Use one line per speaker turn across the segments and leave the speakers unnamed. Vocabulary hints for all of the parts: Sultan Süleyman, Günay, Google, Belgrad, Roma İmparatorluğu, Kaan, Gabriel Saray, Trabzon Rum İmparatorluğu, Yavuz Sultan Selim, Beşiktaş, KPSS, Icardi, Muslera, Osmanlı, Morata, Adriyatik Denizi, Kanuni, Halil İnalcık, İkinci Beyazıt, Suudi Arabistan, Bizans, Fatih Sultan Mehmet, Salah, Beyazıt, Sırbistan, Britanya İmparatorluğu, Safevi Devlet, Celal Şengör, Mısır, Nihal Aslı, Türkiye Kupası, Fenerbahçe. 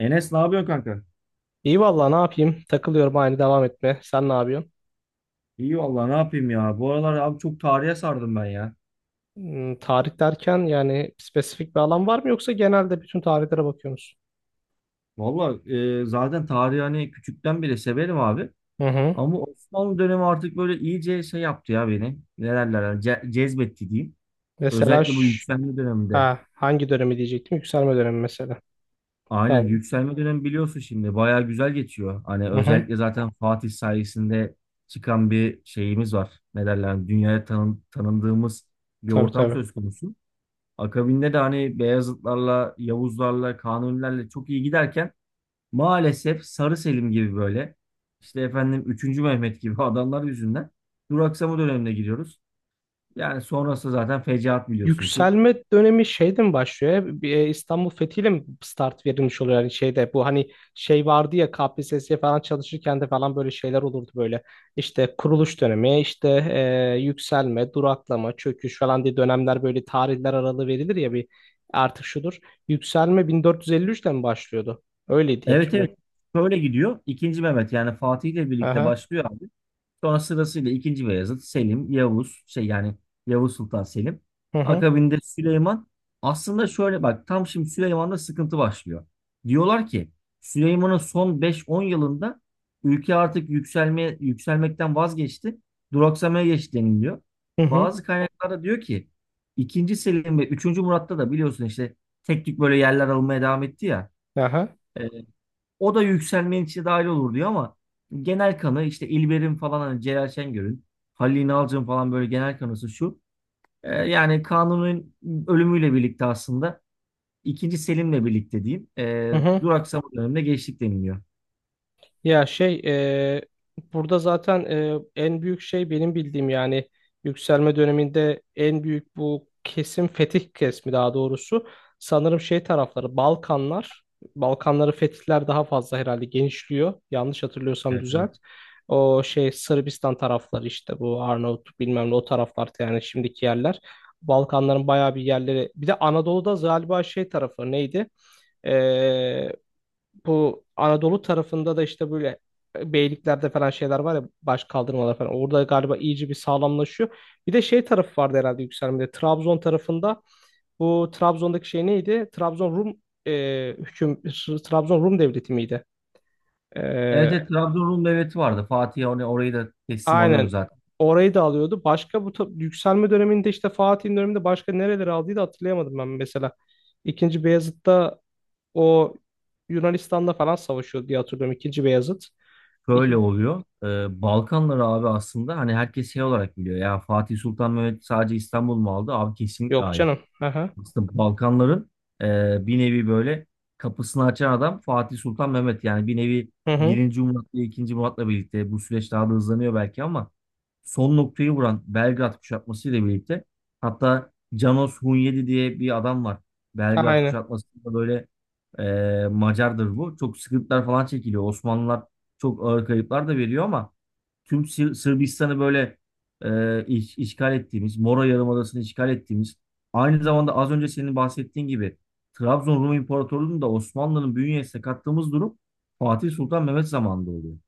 Enes ne yapıyorsun kanka?
İyi vallahi ne yapayım? Takılıyorum aynı devam etme. Sen ne yapıyorsun?
İyi vallahi ne yapayım ya. Bu aralar abi çok tarihe sardım ben ya.
Hmm, tarih derken yani spesifik bir alan var mı yoksa genelde bütün tarihlere bakıyorsunuz?
Vallahi zaten tarihi hani küçükten beri severim abi.
Musun? Hı hı.
Ama Osmanlı dönemi artık böyle iyice şey yaptı ya beni. Ne derler hani cezbetti diyeyim.
Mesela
Özellikle bu yükselme döneminde.
ha, hangi dönemi diyecektim? Yükselme dönemi mesela.
Aynen
Tabii.
yükselme dönemi biliyorsun şimdi. Bayağı güzel geçiyor. Hani
Hı hı.
özellikle zaten Fatih sayesinde çıkan bir şeyimiz var. Ne derler hani dünyaya tanındığımız bir
Tabii
ortam
tabii.
söz konusu. Akabinde de hani Beyazıtlarla, Yavuzlarla, Kanunilerle çok iyi giderken maalesef Sarı Selim gibi böyle işte efendim üçüncü Mehmet gibi adamlar yüzünden duraksama dönemine giriyoruz. Yani sonrası zaten fecaat biliyorsun ki.
Yükselme dönemi şeyden başlıyor. Ya, bir, İstanbul fethiyle mi start verilmiş oluyor? Yani şeyde bu hani şey vardı ya KPSS'ye falan çalışırken de falan böyle şeyler olurdu böyle. İşte kuruluş dönemi, işte yükselme, duraklama, çöküş falan diye dönemler böyle tarihler aralığı verilir ya bir artık şudur. Yükselme 1453'te mi başlıyordu? Öyleydi diye
Evet, evet,
hatırlıyorum.
şöyle gidiyor. İkinci Mehmet yani Fatih ile birlikte
Aha.
başlıyor abi. Sonra sırasıyla ikinci Beyazıt, Selim, Yavuz, şey yani Yavuz Sultan Selim.
Hı hı.
Akabinde Süleyman. Aslında şöyle bak tam şimdi Süleyman'da sıkıntı başlıyor. Diyorlar ki Süleyman'ın son beş on yılında ülke artık yükselme, yükselmekten vazgeçti. Duraksamaya geçti deniliyor.
Hı
Bazı
hı.
kaynaklarda diyor ki ikinci Selim ve üçüncü Murat'ta da biliyorsun işte tek tük böyle yerler almaya devam etti ya.
Aha.
e, O da yükselmenin içine dahil olur diyor ama genel kanı işte İlber'in falan hani Celal Şengör'ün, Halil İnalcık'ın falan böyle genel kanısı şu. Yani Kanun'un ölümüyle birlikte aslında ikinci Selim'le birlikte diyeyim
Hı hı.
duraksama döneminde geçtik deniliyor.
Ya şey e, burada zaten en büyük şey benim bildiğim, yani yükselme döneminde en büyük bu kesim fetih kesmi daha doğrusu. Sanırım şey tarafları Balkanlar, Balkanları fetihler daha fazla herhalde genişliyor, yanlış hatırlıyorsam
Evet, evet.
düzelt. O şey Sırbistan tarafları, işte bu Arnavutluk bilmem ne, o taraflar yani şimdiki yerler, Balkanların bayağı bir yerleri. Bir de Anadolu'da galiba şey tarafı neydi? Bu Anadolu tarafında da işte böyle beyliklerde falan şeyler var ya, baş kaldırmalar falan. Orada galiba iyice bir sağlamlaşıyor. Bir de şey tarafı vardı herhalde yükselmede. Trabzon tarafında bu Trabzon'daki şey neydi? E, hüküm Trabzon Rum devleti miydi? E,
Evet, evet, Trabzon Rum Devleti vardı. Fatih hani orayı da teslim alıyordu
aynen.
zaten.
Orayı da alıyordu. Başka bu yükselme döneminde, işte Fatih'in döneminde, başka nereleri aldığı da hatırlayamadım ben mesela. İkinci Beyazıt'ta o Yunanistan'da falan savaşıyordu diye hatırlıyorum. İkinci Beyazıt.
Şöyle oluyor. Balkanları abi aslında hani herkes şey olarak biliyor. Ya Fatih Sultan Mehmet sadece İstanbul mu aldı? Abi kesinlikle
Yok
hayır.
canım. Aha.
Aslında Balkanların bir nevi böyle kapısını açan adam Fatih Sultan Mehmet. Yani bir nevi
Hı hı.
birinci Murat'la ikinci Murat'la birlikte bu süreç daha da hızlanıyor belki ama son noktayı vuran Belgrad kuşatması ile birlikte hatta Janos Hunyadi diye bir adam var. Belgrad
Aynen.
kuşatmasında böyle Macardır bu. Çok sıkıntılar falan çekiliyor. Osmanlılar çok ağır kayıplar da veriyor ama tüm Sırbistan'ı böyle işgal ettiğimiz, Mora Yarımadası'nı işgal ettiğimiz, aynı zamanda az önce senin bahsettiğin gibi Trabzon Rum İmparatorluğu'nu da Osmanlı'nın bünyesine kattığımız durum Fatih Sultan Mehmet zamanında oluyor.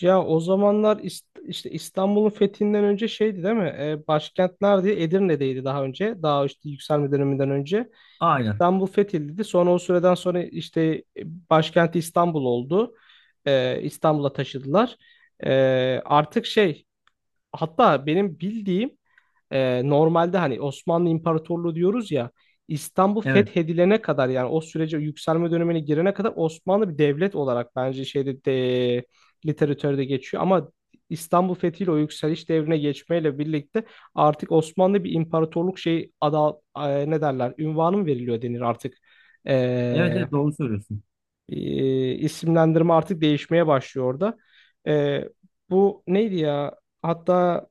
Ya o zamanlar işte İstanbul'un fethinden önce şeydi değil mi? Başkent neredeydi? Edirne'deydi daha önce. Daha işte yükselme döneminden önce.
Aynen.
İstanbul fethedildi. Sonra o süreden sonra işte başkenti İstanbul oldu. İstanbul'a taşıdılar. E, artık şey, hatta benim bildiğim normalde hani Osmanlı İmparatorluğu diyoruz ya, İstanbul
Evet.
fethedilene kadar yani o sürece, yükselme dönemine girene kadar Osmanlı bir devlet olarak bence şeyde de, literatürde geçiyor ama İstanbul fethiyle, o yükseliş devrine geçmeyle birlikte artık Osmanlı bir imparatorluk şey ada ne derler, ünvanı mı veriliyor denir artık.
Evet,
E,
evet, doğru söylüyorsun.
e, isimlendirme artık değişmeye başlıyor orada. E, bu neydi ya? Hatta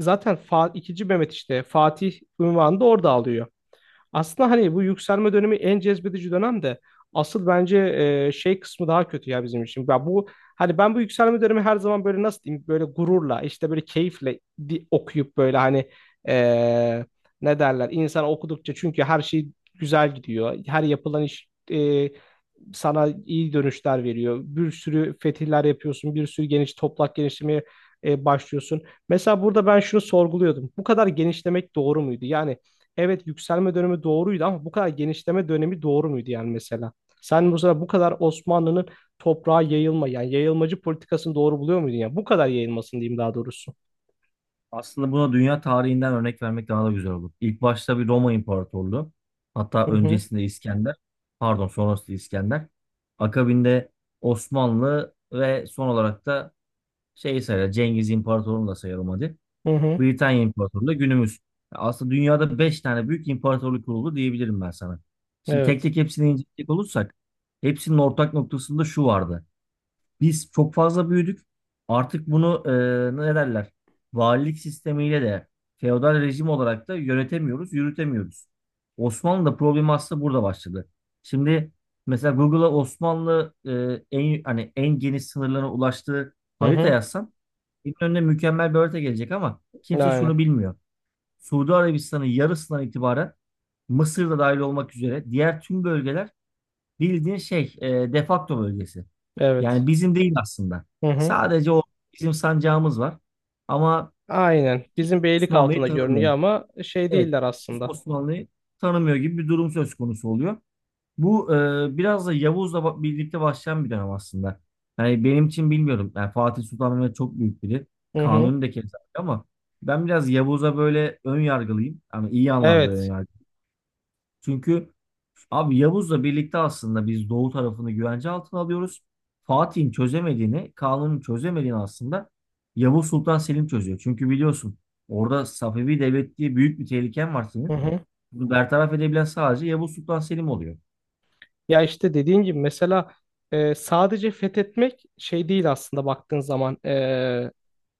zaten ikinci Mehmet işte Fatih unvanı da orada alıyor. Aslında hani bu yükselme dönemi en cezbedici dönem de, asıl bence şey kısmı daha kötü ya bizim için. Ya bu hani, ben bu yükselme dönemi her zaman böyle nasıl diyeyim, böyle gururla, işte böyle keyifle okuyup, böyle hani e, ne derler insan okudukça, çünkü her şey güzel gidiyor. Her yapılan iş sana iyi dönüşler veriyor. Bir sürü fetihler yapıyorsun, bir sürü geniş toplak genişlemeye başlıyorsun. Mesela burada ben şunu sorguluyordum. Bu kadar genişlemek doğru muydu? Yani evet, yükselme dönemi doğruydu ama bu kadar genişleme dönemi doğru muydu yani mesela? Sen mesela bu kadar Osmanlı'nın toprağa yayılma yani yayılmacı politikasını doğru buluyor muydun ya? Bu kadar yayılmasın diyeyim daha doğrusu.
Aslında buna dünya tarihinden örnek vermek daha da güzel olur. İlk başta bir Roma İmparatorluğu. Hatta
Hı hı.
öncesinde İskender. Pardon, sonrasında İskender. Akabinde Osmanlı ve son olarak da şey sayar, Cengiz İmparatorluğu'nu da sayalım hadi.
Hı hı.
Britanya İmparatorluğu da günümüz. Aslında dünyada 5 tane büyük imparatorluk kuruldu diyebilirim ben sana. Şimdi tek
Evet.
tek hepsini inceleyecek olursak hepsinin ortak noktasında şu vardı. Biz çok fazla büyüdük. Artık bunu ne derler? Valilik sistemiyle de feodal rejim olarak da yönetemiyoruz, yürütemiyoruz. Osmanlı'da problem aslında burada başladı. Şimdi mesela Google'a Osmanlı en hani en geniş sınırlarına ulaştığı
Hı
harita
hı.
yazsam benim önüne mükemmel bir harita gelecek ama kimse şunu
Aynen.
bilmiyor. Suudi Arabistan'ın yarısından itibaren Mısır'da dahil olmak üzere diğer tüm bölgeler, bildiğin şey defakto bölgesi.
Evet.
Yani bizim değil aslında.
Hı hı.
Sadece o bizim sancağımız var. Ama
Aynen.
kimse
Bizim beylik
Osmanlı'yı
altında
tanımıyor.
görünüyor ama şey
Evet,
değiller
kimse
aslında.
Osmanlı'yı tanımıyor gibi bir durum söz konusu oluyor. Bu biraz da Yavuz'la birlikte başlayan bir dönem aslında. Yani benim için bilmiyorum. Yani Fatih Sultan Mehmet çok büyük biri.
Hı hı.
Kanuni de keza öyle ama ben biraz Yavuz'a böyle ön yargılıyım. Ama iyi anlamda
Evet.
önyargılıyım. Çünkü abi Yavuz'la birlikte aslında biz Doğu tarafını güvence altına alıyoruz. Fatih'in çözemediğini, Kanun'un çözemediğini aslında Yavuz Sultan Selim çözüyor. Çünkü biliyorsun orada Safevi Devlet diye büyük bir tehliken var
Hı
senin.
hı.
Bunu bertaraf edebilen sadece Yavuz Sultan Selim oluyor.
Ya işte dediğin gibi, mesela sadece fethetmek şey değil aslında baktığın zaman. E,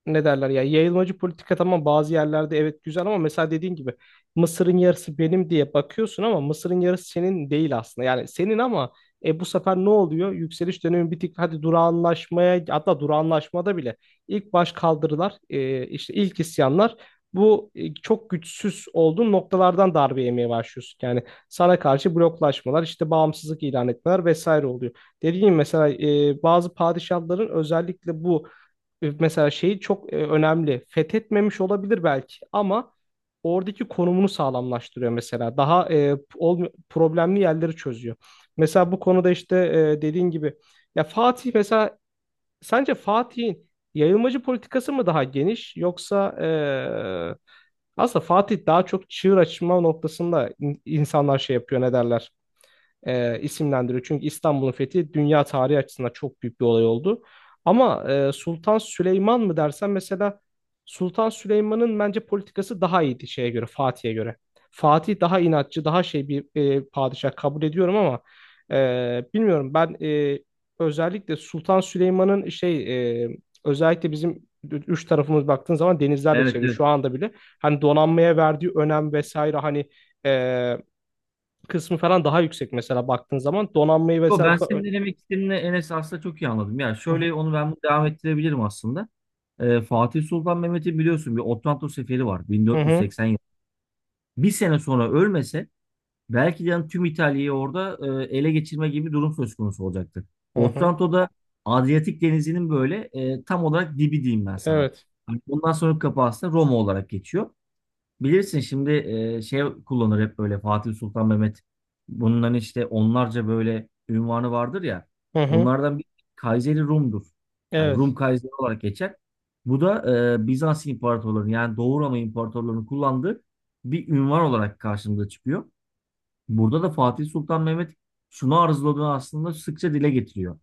ne derler ya, yayılmacı politika tamam bazı yerlerde evet güzel, ama mesela dediğin gibi Mısır'ın yarısı benim diye bakıyorsun ama Mısır'ın yarısı senin değil aslında. Yani senin ama bu sefer ne oluyor? Yükseliş dönemi bir tık hadi durağanlaşmaya, hatta durağanlaşmada bile ilk baş kaldırılar işte ilk isyanlar, bu çok güçsüz olduğun noktalardan darbe yemeye başlıyorsun. Yani sana karşı bloklaşmalar, işte bağımsızlık ilan etmeler vesaire oluyor. Dediğim gibi, mesela bazı padişahların özellikle bu mesela şeyi çok önemli. Fethetmemiş olabilir belki ama oradaki konumunu sağlamlaştırıyor mesela. Daha problemli yerleri çözüyor. Mesela bu konuda işte dediğin gibi, ya Fatih mesela, sence Fatih'in yayılmacı politikası mı daha geniş, yoksa aslında Fatih daha çok çığır açma noktasında insanlar şey yapıyor, ne derler? E, isimlendiriyor. Çünkü İstanbul'un fethi dünya tarihi açısından çok büyük bir olay oldu. Ama Sultan Süleyman mı dersen mesela, Sultan Süleyman'ın bence politikası daha iyiydi şeye göre, Fatih'e göre. Fatih daha inatçı, daha şey bir padişah kabul ediyorum ama bilmiyorum ben, özellikle Sultan Süleyman'ın şey, e, özellikle bizim üç tarafımız baktığın zaman denizlerle
Evet,
çevrili
evet.
şu anda bile, hani donanmaya verdiği önem vesaire, hani e, kısmı falan daha yüksek mesela baktığın zaman, donanmayı
Yo,
vesaire
ben
bu kadar...
senin ne demek istediğini Enes aslında çok iyi anladım. Yani
Hı hı,
şöyle, onu ben bunu devam ettirebilirim aslında. Fatih Sultan Mehmet'in biliyorsun bir Otranto seferi var,
hı hı,
1480 yıl. Bir sene sonra ölmese belki de yani tüm İtalya'yı orada ele geçirme gibi bir durum söz konusu olacaktı.
hı hı.
Otranto'da Adriyatik Denizi'nin böyle tam olarak dibi diyeyim ben sana.
Evet.
Hani bundan sonra kapı aslında Roma olarak geçiyor. Bilirsin şimdi şey kullanır hep böyle Fatih Sultan Mehmet. Bunların işte onlarca böyle ünvanı vardır ya.
Hı hı.
Bunlardan bir Kayseri Rum'dur. Yani
Evet.
Rum Kayseri olarak geçer. Bu da Bizans imparatorlarının yani Doğu Roma imparatorlarının kullandığı bir ünvan olarak karşımıza çıkıyor. Burada da Fatih Sultan Mehmet şunu arzuladığını aslında sıkça dile getiriyor.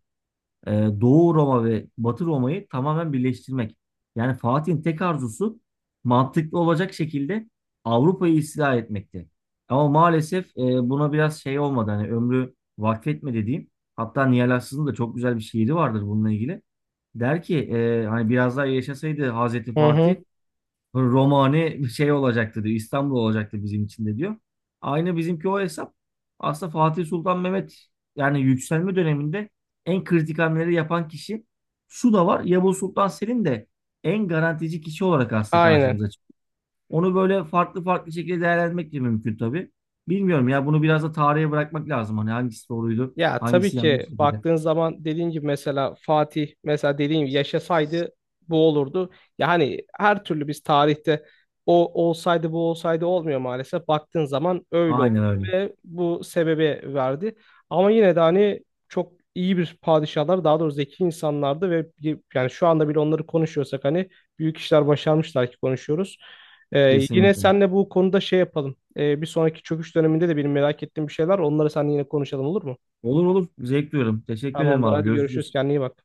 Ee, Doğu Roma ve Batı Roma'yı tamamen birleştirmek. Yani Fatih'in tek arzusu mantıklı olacak şekilde Avrupa'yı istila etmekti. Ama maalesef buna biraz şey olmadı. Hani ömrü vakfetmedi dediğim. Hatta Nihal Aslı'nın da çok güzel bir şiiri vardır bununla ilgili. Der ki hani biraz daha yaşasaydı Hazreti
Hı hı.
Fatih, Romane şey olacaktı diyor. İstanbul olacaktı bizim için de diyor. Aynı bizimki o hesap. Aslında Fatih Sultan Mehmet yani yükselme döneminde en kritik hamleleri yapan kişi. Şu da var, Yavuz Sultan Selim de en garantici kişi olarak aslında
Aynen.
karşımıza çıkıyor. Onu böyle farklı farklı şekilde değerlendirmek de mümkün tabii. Bilmiyorum ya, bunu biraz da tarihe bırakmak lazım. Hani hangisi doğruydu,
Ya tabii
hangisi
ki
yanlıştı diye.
baktığın zaman, dediğin gibi mesela Fatih, mesela dediğim gibi yaşasaydı bu olurdu. Ya hani her türlü biz tarihte, o olsaydı bu olsaydı olmuyor maalesef. Baktığın zaman öyle oldu
Aynen öyle.
ve bu sebebi verdi. Ama yine de hani çok iyi bir padişahlar, daha doğrusu zeki insanlardı ve yani şu anda bile onları konuşuyorsak, hani büyük işler başarmışlar ki konuşuyoruz. Yine
Kesinlikle.
senle bu konuda şey yapalım. Bir sonraki çöküş döneminde de benim merak ettiğim bir şeyler, onları seninle yine konuşalım, olur mu?
Olur olur. Zevk duyuyorum. Teşekkür ederim
Tamamdır,
abi.
hadi görüşürüz,
Görüşürüz.
kendine iyi bak.